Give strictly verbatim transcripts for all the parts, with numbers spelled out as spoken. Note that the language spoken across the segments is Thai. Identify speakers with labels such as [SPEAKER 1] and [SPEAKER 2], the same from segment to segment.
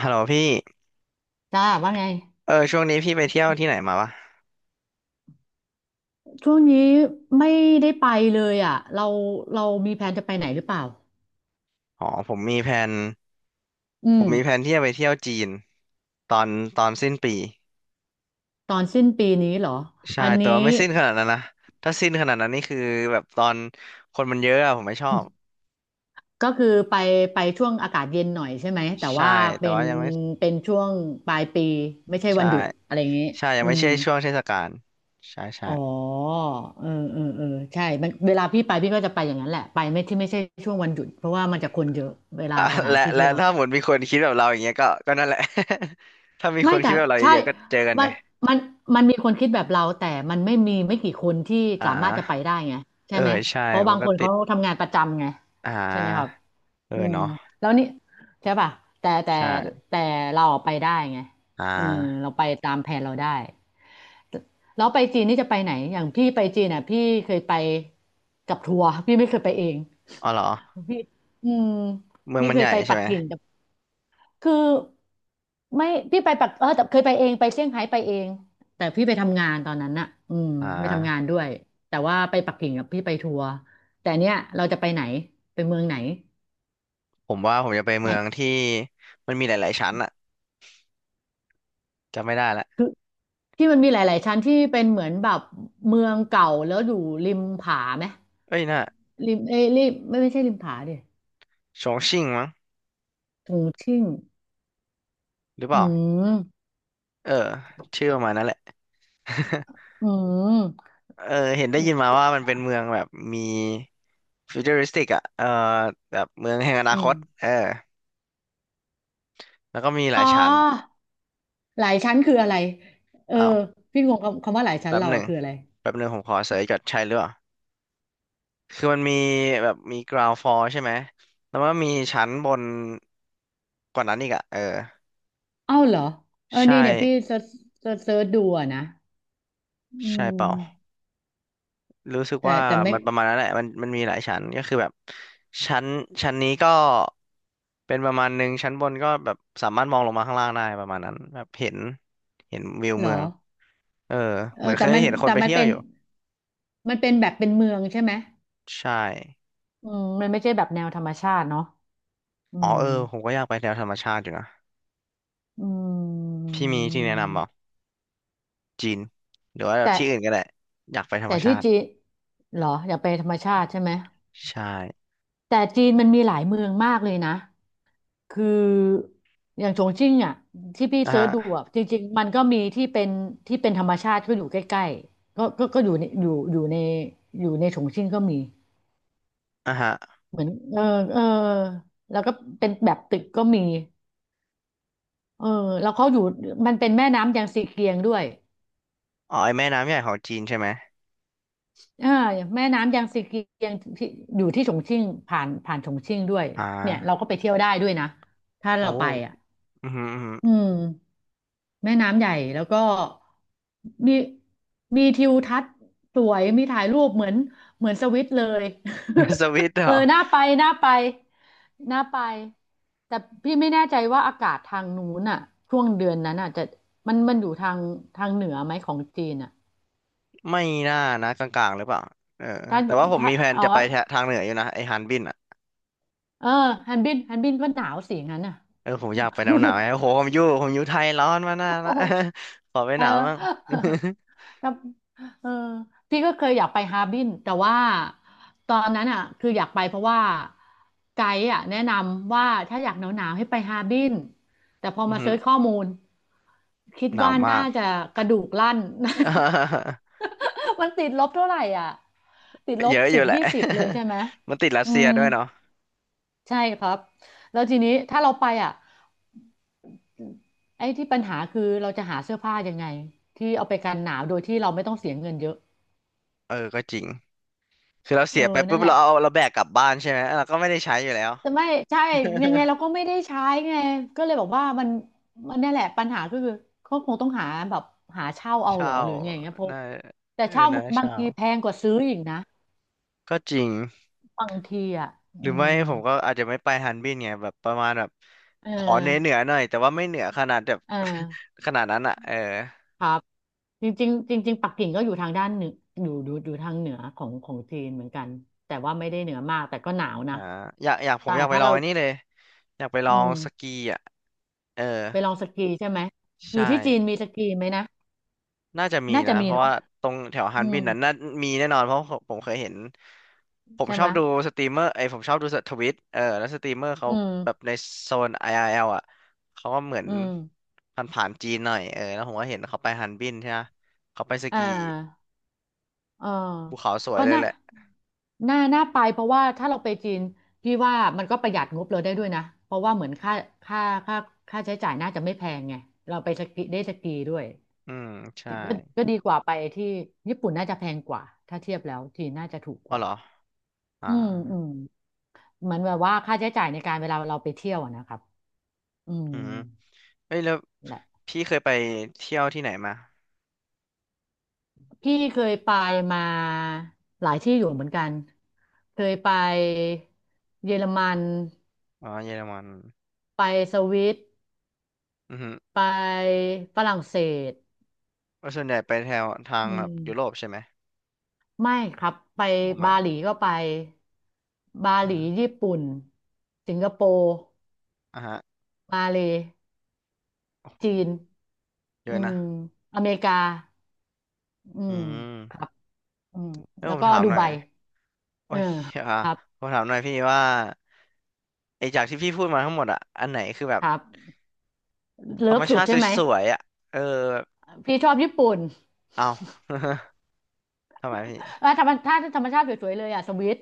[SPEAKER 1] ฮัลโหลพี่
[SPEAKER 2] จ้าว่าไง
[SPEAKER 1] เออช่วงนี้พี่ไปเที่ยวที่ไหนมาวะ
[SPEAKER 2] ช่วงนี้ไม่ได้ไปเลยอ่ะเราเรามีแผนจะไปไหนหรือเปล่า
[SPEAKER 1] อ๋อผมมีแผน
[SPEAKER 2] อื
[SPEAKER 1] ผ
[SPEAKER 2] ม
[SPEAKER 1] มมีแผนที่จะไปเที่ยวจีนตอนตอนสิ้นปี
[SPEAKER 2] ตอนสิ้นปีนี้เหรอ
[SPEAKER 1] ใช่
[SPEAKER 2] อัน
[SPEAKER 1] แต่ว่า
[SPEAKER 2] นี้
[SPEAKER 1] ไม่สิ้นขนาดนั้นนะถ้าสิ้นขนาดนั้นนี่คือแบบตอนคนมันเยอะอะผมไม่ชอบ
[SPEAKER 2] ก็คือไปไปช่วงอากาศเย็นหน่อยใช่ไหมแต่
[SPEAKER 1] ใช่
[SPEAKER 2] ว่า
[SPEAKER 1] แต่
[SPEAKER 2] เป็น
[SPEAKER 1] ว่ายังไม่ใ
[SPEAKER 2] เป็นช่วงปลายปีไม่ใช่
[SPEAKER 1] ช่
[SPEAKER 2] วันหยุดอะไรอย่างนี้
[SPEAKER 1] ใช่ยัง
[SPEAKER 2] อื
[SPEAKER 1] ไม่
[SPEAKER 2] ม
[SPEAKER 1] ใช่ช่วงเทศกาลใช่ใช่
[SPEAKER 2] อ๋อเออเออเออใช่มันเวลาพี่ไปพี่ก็จะไปอย่างนั้นแหละไปไม่ที่ไม่ใช่ช่วงวันหยุดเพราะว่ามันจะคนเยอะเวลา
[SPEAKER 1] อ่ะ
[SPEAKER 2] สถาน
[SPEAKER 1] และ
[SPEAKER 2] ที่
[SPEAKER 1] และ
[SPEAKER 2] เที่ยว
[SPEAKER 1] ถ้าหมดมีคนคิดแบบเราอย่างเงี้ยก็ก็นั่นแหละ ถ้ามีค
[SPEAKER 2] ไม่
[SPEAKER 1] น
[SPEAKER 2] แต่
[SPEAKER 1] คิดแบบเราเย
[SPEAKER 2] ใช่
[SPEAKER 1] อะๆก็เจอกัน
[SPEAKER 2] มั
[SPEAKER 1] เนี่
[SPEAKER 2] น
[SPEAKER 1] ย
[SPEAKER 2] มันมันมีคนคิดแบบเราแต่มันไม่มีไม่กี่คนที่
[SPEAKER 1] อ่
[SPEAKER 2] สามารถจะไป
[SPEAKER 1] า
[SPEAKER 2] ได้ไงใช่
[SPEAKER 1] เออ
[SPEAKER 2] ไหม
[SPEAKER 1] ใช่
[SPEAKER 2] เพราะ
[SPEAKER 1] มั
[SPEAKER 2] บา
[SPEAKER 1] น
[SPEAKER 2] งค
[SPEAKER 1] ก็
[SPEAKER 2] น
[SPEAKER 1] ติ
[SPEAKER 2] เขา
[SPEAKER 1] ด
[SPEAKER 2] ทำงานประจำไง
[SPEAKER 1] อ่
[SPEAKER 2] ใช่ไหมครับ
[SPEAKER 1] าเออ
[SPEAKER 2] อืม
[SPEAKER 1] เนาะ
[SPEAKER 2] แล้วนี่ใช่ป่ะแต่แต่
[SPEAKER 1] ใช่
[SPEAKER 2] แต่เราอะไปได้ไง
[SPEAKER 1] อ่
[SPEAKER 2] เออเรา
[SPEAKER 1] า
[SPEAKER 2] ไปตามแผนเราได้แล้วไปจีนนี่จะไปไหนอย่างพี่ไปจีนอ่ะพี่เคยไปกับทัวร์พี่ไม่เคยไปเอง
[SPEAKER 1] อ๋อเหรอ
[SPEAKER 2] พี่อืม
[SPEAKER 1] เมือง
[SPEAKER 2] พี่
[SPEAKER 1] มัน
[SPEAKER 2] เค
[SPEAKER 1] ให
[SPEAKER 2] ย
[SPEAKER 1] ญ่
[SPEAKER 2] ไป
[SPEAKER 1] ใช่
[SPEAKER 2] ปัก
[SPEAKER 1] ไหม
[SPEAKER 2] กิ่ง คือไม่พี่ไปปักเออแต่เคยไปเองไปเซี่ยงไฮ้ไปเองแต่พี่ไปทำงานตอนนั้นน่ะอืม
[SPEAKER 1] อ่
[SPEAKER 2] ไปทำงาน
[SPEAKER 1] า
[SPEAKER 2] ด้วยแต่ว่าไปปักกิ่งกับพี่ไปทัวร์แต่เนี้ยเราจะไปไหนไปเมืองไหน
[SPEAKER 1] ผมว่าผมจะไปเมื
[SPEAKER 2] แต่
[SPEAKER 1] องที่มันมีหลายๆชั้นอะจำไม่ได้ละ
[SPEAKER 2] คือที่มันมีหลายๆชั้นที่เป็นเหมือนแบบเมืองเก่าแล้วอยู่ริมผาไหม
[SPEAKER 1] เอ้ยน่ะ
[SPEAKER 2] ริมเอ้ยริมไม่ไม่ใช่ริมผาดิ
[SPEAKER 1] ชงชิ่งมั้ง
[SPEAKER 2] ตรงชิ่ง
[SPEAKER 1] หรือเป
[SPEAKER 2] อื
[SPEAKER 1] ล่า
[SPEAKER 2] ม
[SPEAKER 1] เออชื่อประมาณนั้นแหละ
[SPEAKER 2] อืม
[SPEAKER 1] เออเห็นได้ยินมาว่ามันเป็นเมืองแบบมีฟิวเจอริสติกอะเออแบบเมืองแห่งอนา
[SPEAKER 2] อื
[SPEAKER 1] ค
[SPEAKER 2] ม
[SPEAKER 1] ตเออแล้วก็มีห
[SPEAKER 2] อ๋
[SPEAKER 1] ลายชั้น
[SPEAKER 2] อหลายชั้นคืออะไรเออ
[SPEAKER 1] อ้าว
[SPEAKER 2] พี่งงคำคำว่าหลายชั้น
[SPEAKER 1] แป๊บ
[SPEAKER 2] เรา
[SPEAKER 1] ห
[SPEAKER 2] อะ
[SPEAKER 1] นึ่ง
[SPEAKER 2] คืออะไร
[SPEAKER 1] แป๊บหนึ่งผมขอเสิร์ชก่อนใช่หรือเปล่าคือมันมีแบบมี ground floor ใช่ไหมแล้วมันก็มีชั้นบนกว่านั้นอีกอะเออ
[SPEAKER 2] เอ้าเหรอเออ
[SPEAKER 1] ใช่
[SPEAKER 2] นี่เนี่ยพี่เซิร์ชเซิร์ชเซิร์ชดูอะนะอื
[SPEAKER 1] ใช่เปล่า
[SPEAKER 2] ม
[SPEAKER 1] รู้สึก
[SPEAKER 2] แต่
[SPEAKER 1] ว่า
[SPEAKER 2] แต่ไม่
[SPEAKER 1] มันประมาณนั้นแหละมันมันมีหลายชั้นก็คือแบบชั้นชั้นนี้ก็เป็นประมาณหนึ่งชั้นบนก็แบบสามารถมองลงมาข้างล่างได้ประมาณนั้นแบบเห็นเห็นวิว
[SPEAKER 2] เหร
[SPEAKER 1] เมือ
[SPEAKER 2] อ
[SPEAKER 1] งเออ
[SPEAKER 2] เอ
[SPEAKER 1] เหมือ
[SPEAKER 2] อ
[SPEAKER 1] นเค
[SPEAKER 2] แต่
[SPEAKER 1] ย
[SPEAKER 2] มัน
[SPEAKER 1] เห็นค
[SPEAKER 2] แต่
[SPEAKER 1] นไป
[SPEAKER 2] มัน
[SPEAKER 1] เที่ยว
[SPEAKER 2] เป็น
[SPEAKER 1] อยู่
[SPEAKER 2] มันเป็นแบบเป็นเมืองใช่ไหม
[SPEAKER 1] ใช่
[SPEAKER 2] อืมมันไม่ใช่แบบแนวธรรมชาติเนาะอื
[SPEAKER 1] อ๋อ
[SPEAKER 2] ม
[SPEAKER 1] เออผมก็อยากไปแนวธรรมชาติอยู่นะ
[SPEAKER 2] อืม
[SPEAKER 1] พี่มีที่แนะนำเปล่าจีนหรือว่า
[SPEAKER 2] แต่
[SPEAKER 1] ที่อื่นก็ได้อยากไปธร
[SPEAKER 2] แต่
[SPEAKER 1] รมชา
[SPEAKER 2] ที่
[SPEAKER 1] ติ
[SPEAKER 2] จีนเหรออยากไปธรรมชาติใช่ไหม
[SPEAKER 1] ใช่
[SPEAKER 2] แต่จีนมันมีหลายเมืองมากเลยนะ คืออย่างชงชิ่งอ่ะที่พี่
[SPEAKER 1] อ่ะ
[SPEAKER 2] เซิร์
[SPEAKER 1] ฮะ
[SPEAKER 2] ชดูอ่ะจริงๆมันก็มีที่เป็นที่เป็นธรรมชาติก็อยู่ใกล้ๆก็ก็ก็อยู่ในอยู่อยู่ในอยู่ในชงชิ่งก็มี
[SPEAKER 1] อ่ะฮะ
[SPEAKER 2] เหมือนเออเออแล้วก็เป็นแบบตึกก็มีเออแล้วเขาอยู่มันเป็นแม่น้ำยางซีเกียงด้วย
[SPEAKER 1] อ๋อไอแม่น้ำใหญ่ของจีนใช่ไหม
[SPEAKER 2] อ่าแม่น้ำยางซีเกียงที่อยู่ที่ฉงชิ่งผ่านผ่านฉงชิ่งด้วย
[SPEAKER 1] อ่
[SPEAKER 2] เนี่ยเรา
[SPEAKER 1] า
[SPEAKER 2] ก็ไปเที่ยวได้ด้วยนะถ้า
[SPEAKER 1] โอ้
[SPEAKER 2] เราไปอ่ะ
[SPEAKER 1] อืมอหืม
[SPEAKER 2] อืม แม่น้ำใหญ่แล้วก็มีมีทิวทัศน์สวยมีถ่ายรูปเหมือนเหมือนสวิตเลย
[SPEAKER 1] สวิตเห ร
[SPEAKER 2] เอ
[SPEAKER 1] อ
[SPEAKER 2] อน่าไปน่าไปน่าไปแต่พี่ไม่แน่ใจว่าอากาศทางนู้นอ่ะช่วงเดือนนั้นอ่ะจะมันมันอยู่ทางทางเหนือไหมของจีนอ่ะ
[SPEAKER 1] ไม่น่านะกลางๆหรือเปล่าเออ
[SPEAKER 2] ถ้า
[SPEAKER 1] แต่ว่าผม
[SPEAKER 2] ถ้า
[SPEAKER 1] มีแผน
[SPEAKER 2] อ๋อ
[SPEAKER 1] จะไปแถทางเหนืออยู่นะไอ้ฮันบินอ่ะ
[SPEAKER 2] เออฮันบินฮันบินก็หนาวสิงั้นอ่ะ
[SPEAKER 1] เออผมอยากไปหนาวหนาวไงโอ้โหผมอยู่ผมอยู่ไทยร้อนมานาน
[SPEAKER 2] โอ้
[SPEAKER 1] ละ ขอไป
[SPEAKER 2] เอ
[SPEAKER 1] ห
[SPEAKER 2] อ
[SPEAKER 1] นาวบ้าง
[SPEAKER 2] แล้วเออพี่ก็เคยอยากไปฮาร์บินแต่ว่าตอนนั้นอ่ะคืออยากไปเพราะว่าไกด์อ่ะแนะนำว่าถ้าอยากหนาวๆให้ไปฮาร์บินแต่พอ
[SPEAKER 1] อือ
[SPEAKER 2] มา
[SPEAKER 1] หื
[SPEAKER 2] เซิ
[SPEAKER 1] อ
[SPEAKER 2] ร์ชข้อมูลคิด
[SPEAKER 1] หนาว
[SPEAKER 2] ว่า
[SPEAKER 1] มา
[SPEAKER 2] น่า
[SPEAKER 1] ก
[SPEAKER 2] จะกระดูกลั่น มันติดลบเท่าไหร่อ่ะติดล
[SPEAKER 1] เย
[SPEAKER 2] บ
[SPEAKER 1] อะอ
[SPEAKER 2] สิ
[SPEAKER 1] ยู่
[SPEAKER 2] บ
[SPEAKER 1] แหละ
[SPEAKER 2] ยี่สิบเลยใช่ไหม
[SPEAKER 1] มันติดรัส
[SPEAKER 2] อื
[SPEAKER 1] เซีย
[SPEAKER 2] ม
[SPEAKER 1] ด้วยเนาะ
[SPEAKER 2] ใช่ครับแล้วทีนี้ถ้าเราไปอ่ะไอ้ที่ปัญหาคือเราจะหาเสื้อผ้ายังไงที่เอาไปกันหนาวโดยที่เราไม่ต้องเสียเงินเยอะ
[SPEAKER 1] เออก็จริงคือเรา
[SPEAKER 2] เอ
[SPEAKER 1] เสี
[SPEAKER 2] อ
[SPEAKER 1] ยไป
[SPEAKER 2] นั่
[SPEAKER 1] ปุ๊
[SPEAKER 2] น
[SPEAKER 1] บ
[SPEAKER 2] แหละ
[SPEAKER 1] เราเอาเราแบกกลับบ้านใช่ไหมเราก็ไม่ได้ใช้อยู่แล้ว
[SPEAKER 2] แต่ไม่ใช่ยังไงเราก็ ไม่ได้ใช้ไงก็เลยบอกว่ามันมันเนี่ยแหละปัญหาก็คือเขาคงต้องหาแบบหาเช่าเอาเหร
[SPEAKER 1] เช่า
[SPEAKER 2] อหรือไงเงี้ยเพราะ
[SPEAKER 1] น่า
[SPEAKER 2] แต่
[SPEAKER 1] เออ
[SPEAKER 2] เช่า
[SPEAKER 1] นะ
[SPEAKER 2] บาง
[SPEAKER 1] เช่า
[SPEAKER 2] ทีแพงกว่าซื้ออีกนะ
[SPEAKER 1] ก็จริง
[SPEAKER 2] บางทีอ่ะ
[SPEAKER 1] หรื
[SPEAKER 2] อื
[SPEAKER 1] อไม่
[SPEAKER 2] ม
[SPEAKER 1] ผมก็อาจจะไม่ไปฮันบินไงแบบประมาณแบบ
[SPEAKER 2] เอ
[SPEAKER 1] ขอเหนือเหนือ
[SPEAKER 2] อ
[SPEAKER 1] หน่อยแต่ว่าไม่เหนือขนาดแบบ
[SPEAKER 2] เออ
[SPEAKER 1] ขนาดนั้นอ่ะเออ
[SPEAKER 2] ครับจริงๆจริงๆปักกิ่งก็อยู่ทางด้านเหนืออยู่อยู่อยู่ทางเหนือของของจีนเหมือนกันแต่ว่าไม่ได้เหนือมากแต่ก็หนาวนะ
[SPEAKER 1] อ่าอยากอยากผม
[SPEAKER 2] อ่า
[SPEAKER 1] อยากไป
[SPEAKER 2] ถ้า
[SPEAKER 1] ลอ
[SPEAKER 2] เรา
[SPEAKER 1] งอันนี้เลยอยากไปล
[SPEAKER 2] อื
[SPEAKER 1] อง
[SPEAKER 2] ม
[SPEAKER 1] สกีอ่ะเออ
[SPEAKER 2] ไปลองสกีใช่ไหมอ
[SPEAKER 1] ใช่
[SPEAKER 2] ยู่ที่จีนมีสกีไหมนะ
[SPEAKER 1] น่าจะมี
[SPEAKER 2] น่าจะ
[SPEAKER 1] นะ
[SPEAKER 2] มี
[SPEAKER 1] เพราะ
[SPEAKER 2] เนาะ
[SPEAKER 1] ว่าตรงแถวฮั
[SPEAKER 2] อื
[SPEAKER 1] น
[SPEAKER 2] ม
[SPEAKER 1] บินนั้นน่ามีแน่นอนเพราะผมผมเคยเห็นผม
[SPEAKER 2] ใช่
[SPEAKER 1] ชอ
[SPEAKER 2] ไหม
[SPEAKER 1] บดูสตรีมเมอร์ไอยผมชอบดูทวิตเออแล้วสตรีมเมอร์เขา
[SPEAKER 2] อื
[SPEAKER 1] แบบ
[SPEAKER 2] ม
[SPEAKER 1] ในโซน i อ l อลอ่ะเขาก็เหมือน
[SPEAKER 2] อืม
[SPEAKER 1] ผ่านผ่านจีนหน่อยเออแล้วผมก็เห็นเขาไปฮันบินใช่ไหมเขาไปส
[SPEAKER 2] อ่า
[SPEAKER 1] กี
[SPEAKER 2] อ่า
[SPEAKER 1] ภูเขาสวย
[SPEAKER 2] ก็
[SPEAKER 1] เลย
[SPEAKER 2] น่า
[SPEAKER 1] แหละ
[SPEAKER 2] น่าน่าไปเพราะว่าถ้าเราไปจีนพี่ว่ามันก็ประหยัดงบเราได้ด้วยนะเพราะว่าเหมือนค่าค่าค่าค่าใช้จ่ายน่าจะไม่แพงไงเราไปสกีได้สกีด้วย
[SPEAKER 1] อืมใช่
[SPEAKER 2] ก็ก็ดีกว่าไปที่ญี่ปุ่นน่าจะแพงกว่าถ้าเทียบแล้วจีนน่าจะถูกก
[SPEAKER 1] อ๋อ
[SPEAKER 2] ว่า
[SPEAKER 1] เหรออ่า
[SPEAKER 2] อืมอืมเหมือนแบบว่าค่าใช้จ่ายในการเวลาเราไปเที่ยวอะนะครับอืม
[SPEAKER 1] อืมเอ้ยแล้วพี่เคยไปเที่ยวที่ไหนมา
[SPEAKER 2] พี่เคยไปมาหลายที่อยู่เหมือนกันเคยไปเยอรมัน
[SPEAKER 1] อ๋อเยอรมัน
[SPEAKER 2] ไปสวิต
[SPEAKER 1] อือฮึ
[SPEAKER 2] ไปฝรั่งเศส
[SPEAKER 1] แล้วส่วนใหญ่ไปแถวทาง
[SPEAKER 2] อื
[SPEAKER 1] แบบ
[SPEAKER 2] ม
[SPEAKER 1] ยุโรปใช่ไหม
[SPEAKER 2] ไม่ครับไป
[SPEAKER 1] อ๋อไม่
[SPEAKER 2] บาหลีก็ไปบาหลี
[SPEAKER 1] อ่า
[SPEAKER 2] ญี่ปุ่นสิงคโปร์
[SPEAKER 1] อ่าฮะ
[SPEAKER 2] มาเลย์จีน
[SPEAKER 1] เย
[SPEAKER 2] อื
[SPEAKER 1] อะนะ
[SPEAKER 2] มอเมริกาอื
[SPEAKER 1] อื
[SPEAKER 2] มครั
[SPEAKER 1] ม
[SPEAKER 2] บอืม
[SPEAKER 1] แล้ว
[SPEAKER 2] แล้ว
[SPEAKER 1] ผม
[SPEAKER 2] ก็
[SPEAKER 1] ถาม
[SPEAKER 2] ดู
[SPEAKER 1] หน่อ
[SPEAKER 2] ไบ
[SPEAKER 1] ยโอ้
[SPEAKER 2] เออ
[SPEAKER 1] ยอ่า
[SPEAKER 2] ครับ
[SPEAKER 1] ผมถามหน่อยพี่ว่าไอจากที่พี่พูดมาทั้งหมดอะอันไหนคือแบบ
[SPEAKER 2] ครับ
[SPEAKER 1] ธร
[SPEAKER 2] เลิ
[SPEAKER 1] รม
[SPEAKER 2] ฟสุ
[SPEAKER 1] ชา
[SPEAKER 2] ด
[SPEAKER 1] ติ
[SPEAKER 2] ใช่ไหม
[SPEAKER 1] สวยๆอะเออ
[SPEAKER 2] พี่ชอบญี่ปุ่น
[SPEAKER 1] เอา ทำไมพี่
[SPEAKER 2] เออธรรมชาติธรรมชาติสวยๆเลยอ่ะสวิต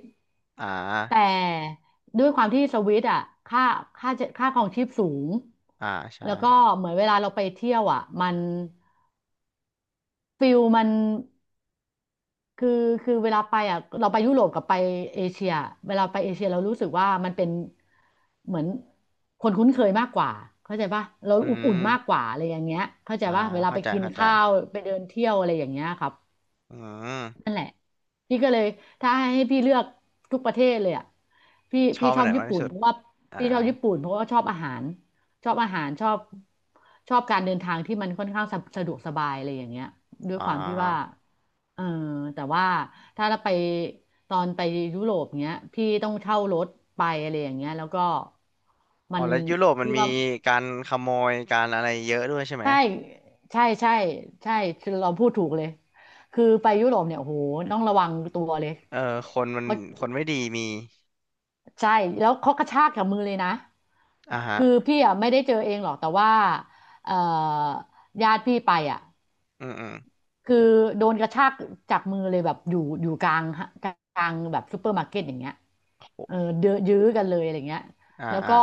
[SPEAKER 1] อ่
[SPEAKER 2] แต
[SPEAKER 1] า
[SPEAKER 2] ่ด้วยความที่สวิตอ่ะค่าค่าจะค่าครองชีพสูง
[SPEAKER 1] อ่าใช่
[SPEAKER 2] แล้วก็เหมือนเวลาเราไปเที่ยวอ่ะมันฟิลมันคือคือเวลาไปอ่ะเราไปยุโรปกับไปเอเชียเวลาไปเอเชียเรารู้สึกว่ามันเป็นเหมือนคนคุ้นเคยมากกว่าเข้าใจป่ะเรา
[SPEAKER 1] อื
[SPEAKER 2] อบอุ่นมากก
[SPEAKER 1] ม
[SPEAKER 2] ว่าอะไรอย่างเงี้ยเข้าใจ
[SPEAKER 1] อ่า
[SPEAKER 2] ป่ะเวลา
[SPEAKER 1] เข้า
[SPEAKER 2] ไป
[SPEAKER 1] ใจ
[SPEAKER 2] กิน
[SPEAKER 1] เข้าใจ
[SPEAKER 2] ข้าวไปเดินเที่ยวอะไรอย่างเงี้ยครับ
[SPEAKER 1] อืม
[SPEAKER 2] นั่นแหละพี่ก็เลยถ้าให้พี่เลือกทุกประเทศเลยอ่ะพี่
[SPEAKER 1] ชอ
[SPEAKER 2] พี่
[SPEAKER 1] บไป
[SPEAKER 2] ชอ
[SPEAKER 1] ไหน
[SPEAKER 2] บญี่
[SPEAKER 1] มากที่
[SPEAKER 2] ปุ่น
[SPEAKER 1] สุด
[SPEAKER 2] เพราะว่า
[SPEAKER 1] อ่า
[SPEAKER 2] พี่ชอบญี่ปุ่นเพราะว่าชอบอาหารชอบอาหารชอบชอบการเดินทางที่มันค่อนข้างสะสะดวกสบายอะไรอย่างเงี้ยด้ว
[SPEAKER 1] อ๋
[SPEAKER 2] ยความที่ว่า
[SPEAKER 1] อ
[SPEAKER 2] เออแต่ว่าถ้าเราไปตอนไปยุโรปเงี้ยพี่ต้องเช่ารถไปอะไรอย่างเงี้ยแล้วก็
[SPEAKER 1] อ๋
[SPEAKER 2] มั
[SPEAKER 1] อ
[SPEAKER 2] น
[SPEAKER 1] แล้วยุโรปมัน
[SPEAKER 2] พี่
[SPEAKER 1] มี
[SPEAKER 2] ว่า
[SPEAKER 1] การขโมยการอะไรเยอะด้วยใช่ไหม
[SPEAKER 2] ใช่ใช่ใช่ใช่เราพูดถูกเลยคือไปยุโรปเนี่ยโอ้โหต้องระวังตัวเลย
[SPEAKER 1] เออคนมันคนไม่ดีมี
[SPEAKER 2] ใช่แล้วเขากระชากจากมือเลยนะ
[SPEAKER 1] อ่าฮะ
[SPEAKER 2] คือพี่อ่ะไม่ได้เจอเองหรอกแต่ว่าเอ่อญาติพี่ไปอ่ะ
[SPEAKER 1] อืมอืม
[SPEAKER 2] คือโดนกระชากจากมือเลยแบบอยู่อยู่กลางกลางแบบซูเปอร์มาร์เก็ตอย่างเงี้ย
[SPEAKER 1] โห
[SPEAKER 2] เออเดือยื้อกันเลยอะไรเงี้ย
[SPEAKER 1] อ่า
[SPEAKER 2] แล้ว
[SPEAKER 1] อ่า
[SPEAKER 2] ก็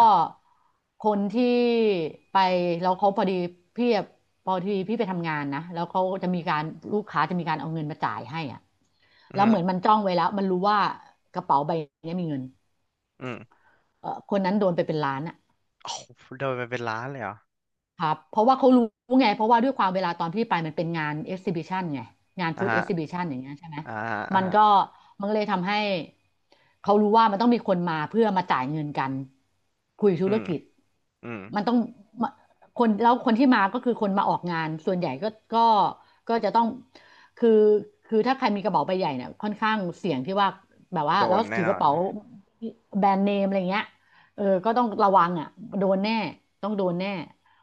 [SPEAKER 2] คนที่ไปแล้วเขาพอดีพี่อะพอดีพี่ไปทำงานนะแล้วเขาจะมีการลูกค้าจะมีการเอาเงินมาจ่ายให้อ่ะ
[SPEAKER 1] อื
[SPEAKER 2] แล้วเหมือน
[SPEAKER 1] ม
[SPEAKER 2] มันจ้องไว้แล้วมันรู้ว่ากระเป๋าใบเนี้ยมีเงิน
[SPEAKER 1] อืม
[SPEAKER 2] เออคนนั้นโดนไปเป็นล้านอ่ะ
[SPEAKER 1] โอ้โหโดนไปเป็นล้านเลยเหรอ
[SPEAKER 2] ครับเพราะว่าเขารู้ไงเพราะว่าด้วยความเวลาตอนพี่ไปมันเป็นงานเอ็กซิบิชันไงงาน
[SPEAKER 1] อ่า
[SPEAKER 2] ฟู้ด
[SPEAKER 1] ฮะ
[SPEAKER 2] เอ็กซิบิชันอย่างเงี้ยใช่ไหม
[SPEAKER 1] อ่าฮะอ่า
[SPEAKER 2] มัน
[SPEAKER 1] ฮะ
[SPEAKER 2] ก็มันก็เลยทำให้เขารู้ว่ามันต้องมีคนมาเพื่อมาจ่ายเงินกันคุยธุ
[SPEAKER 1] อื
[SPEAKER 2] ร
[SPEAKER 1] ม
[SPEAKER 2] กิจ
[SPEAKER 1] อืม
[SPEAKER 2] มันต้องมาคนแล้วคนที่มาก็คือคนมาออกงานส่วนใหญ่ก็ก็ก็จะต้องคือคือถ้าใครมีกระเป๋าใบใหญ่เนี่ยค่อนข้างเสี่ยงที่ว่าแบบว่า
[SPEAKER 1] โด
[SPEAKER 2] แล้ว
[SPEAKER 1] นแน่
[SPEAKER 2] ถือ
[SPEAKER 1] น
[SPEAKER 2] ก
[SPEAKER 1] อ
[SPEAKER 2] ระ
[SPEAKER 1] น
[SPEAKER 2] เป๋าแบรนด์เนมอะไรเงี้ยเออก็ต้องระวังอ่ะโดนแน่ต้องโดนแน่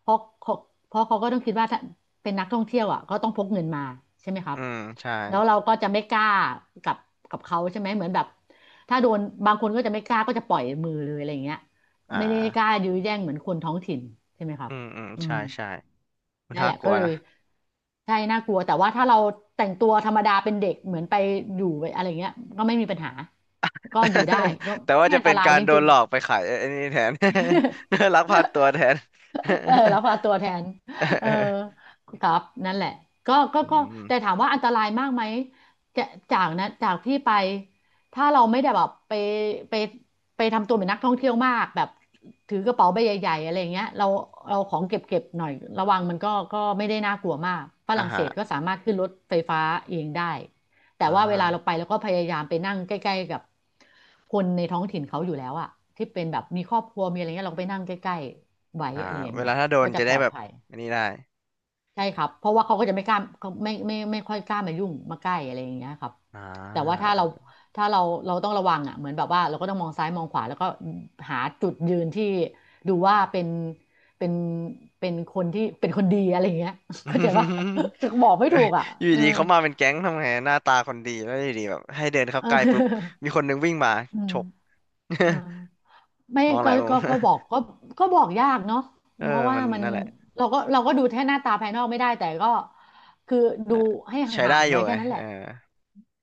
[SPEAKER 2] เพราะเขาเพราะเขาก็ต้องคิดว่าถ้าเป็นนักท่องเที่ยวอ่ะก็ต้องพกเงินมาใช่ไหมครั
[SPEAKER 1] อื
[SPEAKER 2] บ
[SPEAKER 1] มใช่
[SPEAKER 2] แล้วเราก็จะไม่กล้ากับกับเขาใช่ไหมเหมือนแบบถ้าโดนบางคนก็จะไม่กล้าก็จะปล่อยมือเลยอะไรอย่างเงี้ย
[SPEAKER 1] อ่
[SPEAKER 2] ไม่ได้กล้า
[SPEAKER 1] า
[SPEAKER 2] ยื้อแย่งเหมือนคนท้องถิ่นใช่ไหมครั
[SPEAKER 1] อื
[SPEAKER 2] บ
[SPEAKER 1] มอืม
[SPEAKER 2] อื
[SPEAKER 1] ใช่
[SPEAKER 2] ม
[SPEAKER 1] ใช่ มัน
[SPEAKER 2] นั่น
[SPEAKER 1] น่า
[SPEAKER 2] แหละ
[SPEAKER 1] กลั
[SPEAKER 2] ก็
[SPEAKER 1] ว
[SPEAKER 2] เลย
[SPEAKER 1] นะ
[SPEAKER 2] ใช่น่ากลัวแต่ว่าถ้าเราแต่งตัวธรรมดาเป็นเด็กเหมือนไปอยู่อะไรเงี้ยก็ไม่มีปัญหาก็อยู่ได้ก็
[SPEAKER 1] แต่ว่า
[SPEAKER 2] ไม่
[SPEAKER 1] จะ
[SPEAKER 2] อันต
[SPEAKER 1] เป็น
[SPEAKER 2] ราย
[SPEAKER 1] การ
[SPEAKER 2] จ
[SPEAKER 1] โดน
[SPEAKER 2] ริง
[SPEAKER 1] หลอกไปขายไอ้นี่แทน
[SPEAKER 2] ๆ
[SPEAKER 1] ลักพาตัวแทน
[SPEAKER 2] เออรับฝาตัวแทน
[SPEAKER 1] เ
[SPEAKER 2] เอ
[SPEAKER 1] อ
[SPEAKER 2] อ
[SPEAKER 1] อ
[SPEAKER 2] ครับนั่นแหละก็ก็
[SPEAKER 1] อื
[SPEAKER 2] ก็
[SPEAKER 1] ม
[SPEAKER 2] แต่ถามว่าอันตรายมากไหมจะจากนะจากที่ไปถ้าเราไม่ได้แบบไปไปไปทำตัวเป็นนักท่องเที่ยวมากแบบถือกระเป๋าใบใหญ่ๆอะไรอย่างเงี้ยเราเราของเก็บเก็บหน่อยระวังมันก็ก็ไม่ได้น่ากลัวมากฝ
[SPEAKER 1] อ่า
[SPEAKER 2] รั่งเศ
[SPEAKER 1] ฮะ
[SPEAKER 2] สก็สามารถขึ้นรถไฟฟ้าเองได้แต่
[SPEAKER 1] อ่า
[SPEAKER 2] ว่าเวลาเราไปเราก็พยายามไปนั่งใกล้ๆกับคนในท้องถิ่นเขาอยู่แล้วอะที่เป็นแบบมีครอบครัวมีอะไรเงี้ยเราก็ไปนั่งใกล้ๆ ไว้
[SPEAKER 1] อ่า
[SPEAKER 2] อะไรอย่าง
[SPEAKER 1] เว
[SPEAKER 2] เงี้
[SPEAKER 1] ลา
[SPEAKER 2] ย
[SPEAKER 1] ถ้าโด
[SPEAKER 2] ก็
[SPEAKER 1] น
[SPEAKER 2] จะ
[SPEAKER 1] จะ
[SPEAKER 2] ป
[SPEAKER 1] ได้
[SPEAKER 2] ลอด
[SPEAKER 1] แบบ
[SPEAKER 2] ภัย
[SPEAKER 1] อันนี้ได้
[SPEAKER 2] ใช่ครับเพราะว่าเขาก็จะไม่กล้าเขาไม่ไม่ไม่ค่อยกล้ามายุ่งมาใกล้อะไรอย่างเงี้ยครับ
[SPEAKER 1] อ่า
[SPEAKER 2] แต่ว่าถ้าเราถ้าเราเราต้องระวังอ่ะเหมือนแบบว่าเราก็ต้องมองซ้ายมองขวาแล้วก็หาจุดยืนที่ดูว่าเป็นเป็นเป็นคนที่เป็นคนดีอะไรอย่างเงี้ยเข้าใจปะ บอกไม่
[SPEAKER 1] เอ้
[SPEAKER 2] ถู
[SPEAKER 1] ย
[SPEAKER 2] กอ่ะ
[SPEAKER 1] อยู่
[SPEAKER 2] เออ
[SPEAKER 1] ดีๆเขามาเป็นแก๊งทำไงหน้าตาคนดีแล้วอยู่ดีแบบให้เดินเข้า
[SPEAKER 2] เอ
[SPEAKER 1] ใกล้ปุ๊บ
[SPEAKER 2] อ
[SPEAKER 1] มีคนนึงวิ่งมา
[SPEAKER 2] อื
[SPEAKER 1] ฉ
[SPEAKER 2] ม
[SPEAKER 1] ก
[SPEAKER 2] เออ ไม่
[SPEAKER 1] มองห
[SPEAKER 2] ก็
[SPEAKER 1] ลายมุ
[SPEAKER 2] ก็
[SPEAKER 1] ม
[SPEAKER 2] ก็บอก ก็ก็บอกยากเนาะ
[SPEAKER 1] เออ
[SPEAKER 2] เพราะว่า
[SPEAKER 1] มัน
[SPEAKER 2] มัน
[SPEAKER 1] นั่นแหละ
[SPEAKER 2] เราก็เราก็ดูแค่หน้าตาภายนอกไม่ได้แต่ก็คือดูให้
[SPEAKER 1] ใช้
[SPEAKER 2] ห่าง
[SPEAKER 1] ได้
[SPEAKER 2] ๆ
[SPEAKER 1] อ
[SPEAKER 2] ไว้
[SPEAKER 1] ยู่ไง
[SPEAKER 2] แค่นั้นแห
[SPEAKER 1] เออ
[SPEAKER 2] ละ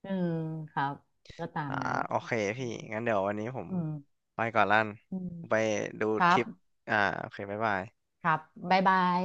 [SPEAKER 2] อืมครับก็ตาม
[SPEAKER 1] อ่า
[SPEAKER 2] นั้น
[SPEAKER 1] โอเคพี่งั้นเดี๋ยววันนี้ผม
[SPEAKER 2] อืม
[SPEAKER 1] ไปก่อนลั่น
[SPEAKER 2] อืม
[SPEAKER 1] ไปดู
[SPEAKER 2] ครั
[SPEAKER 1] ทริ
[SPEAKER 2] บ
[SPEAKER 1] ปอ่าโอเคบ๊ายบาย
[SPEAKER 2] ครับบ๊ายบาย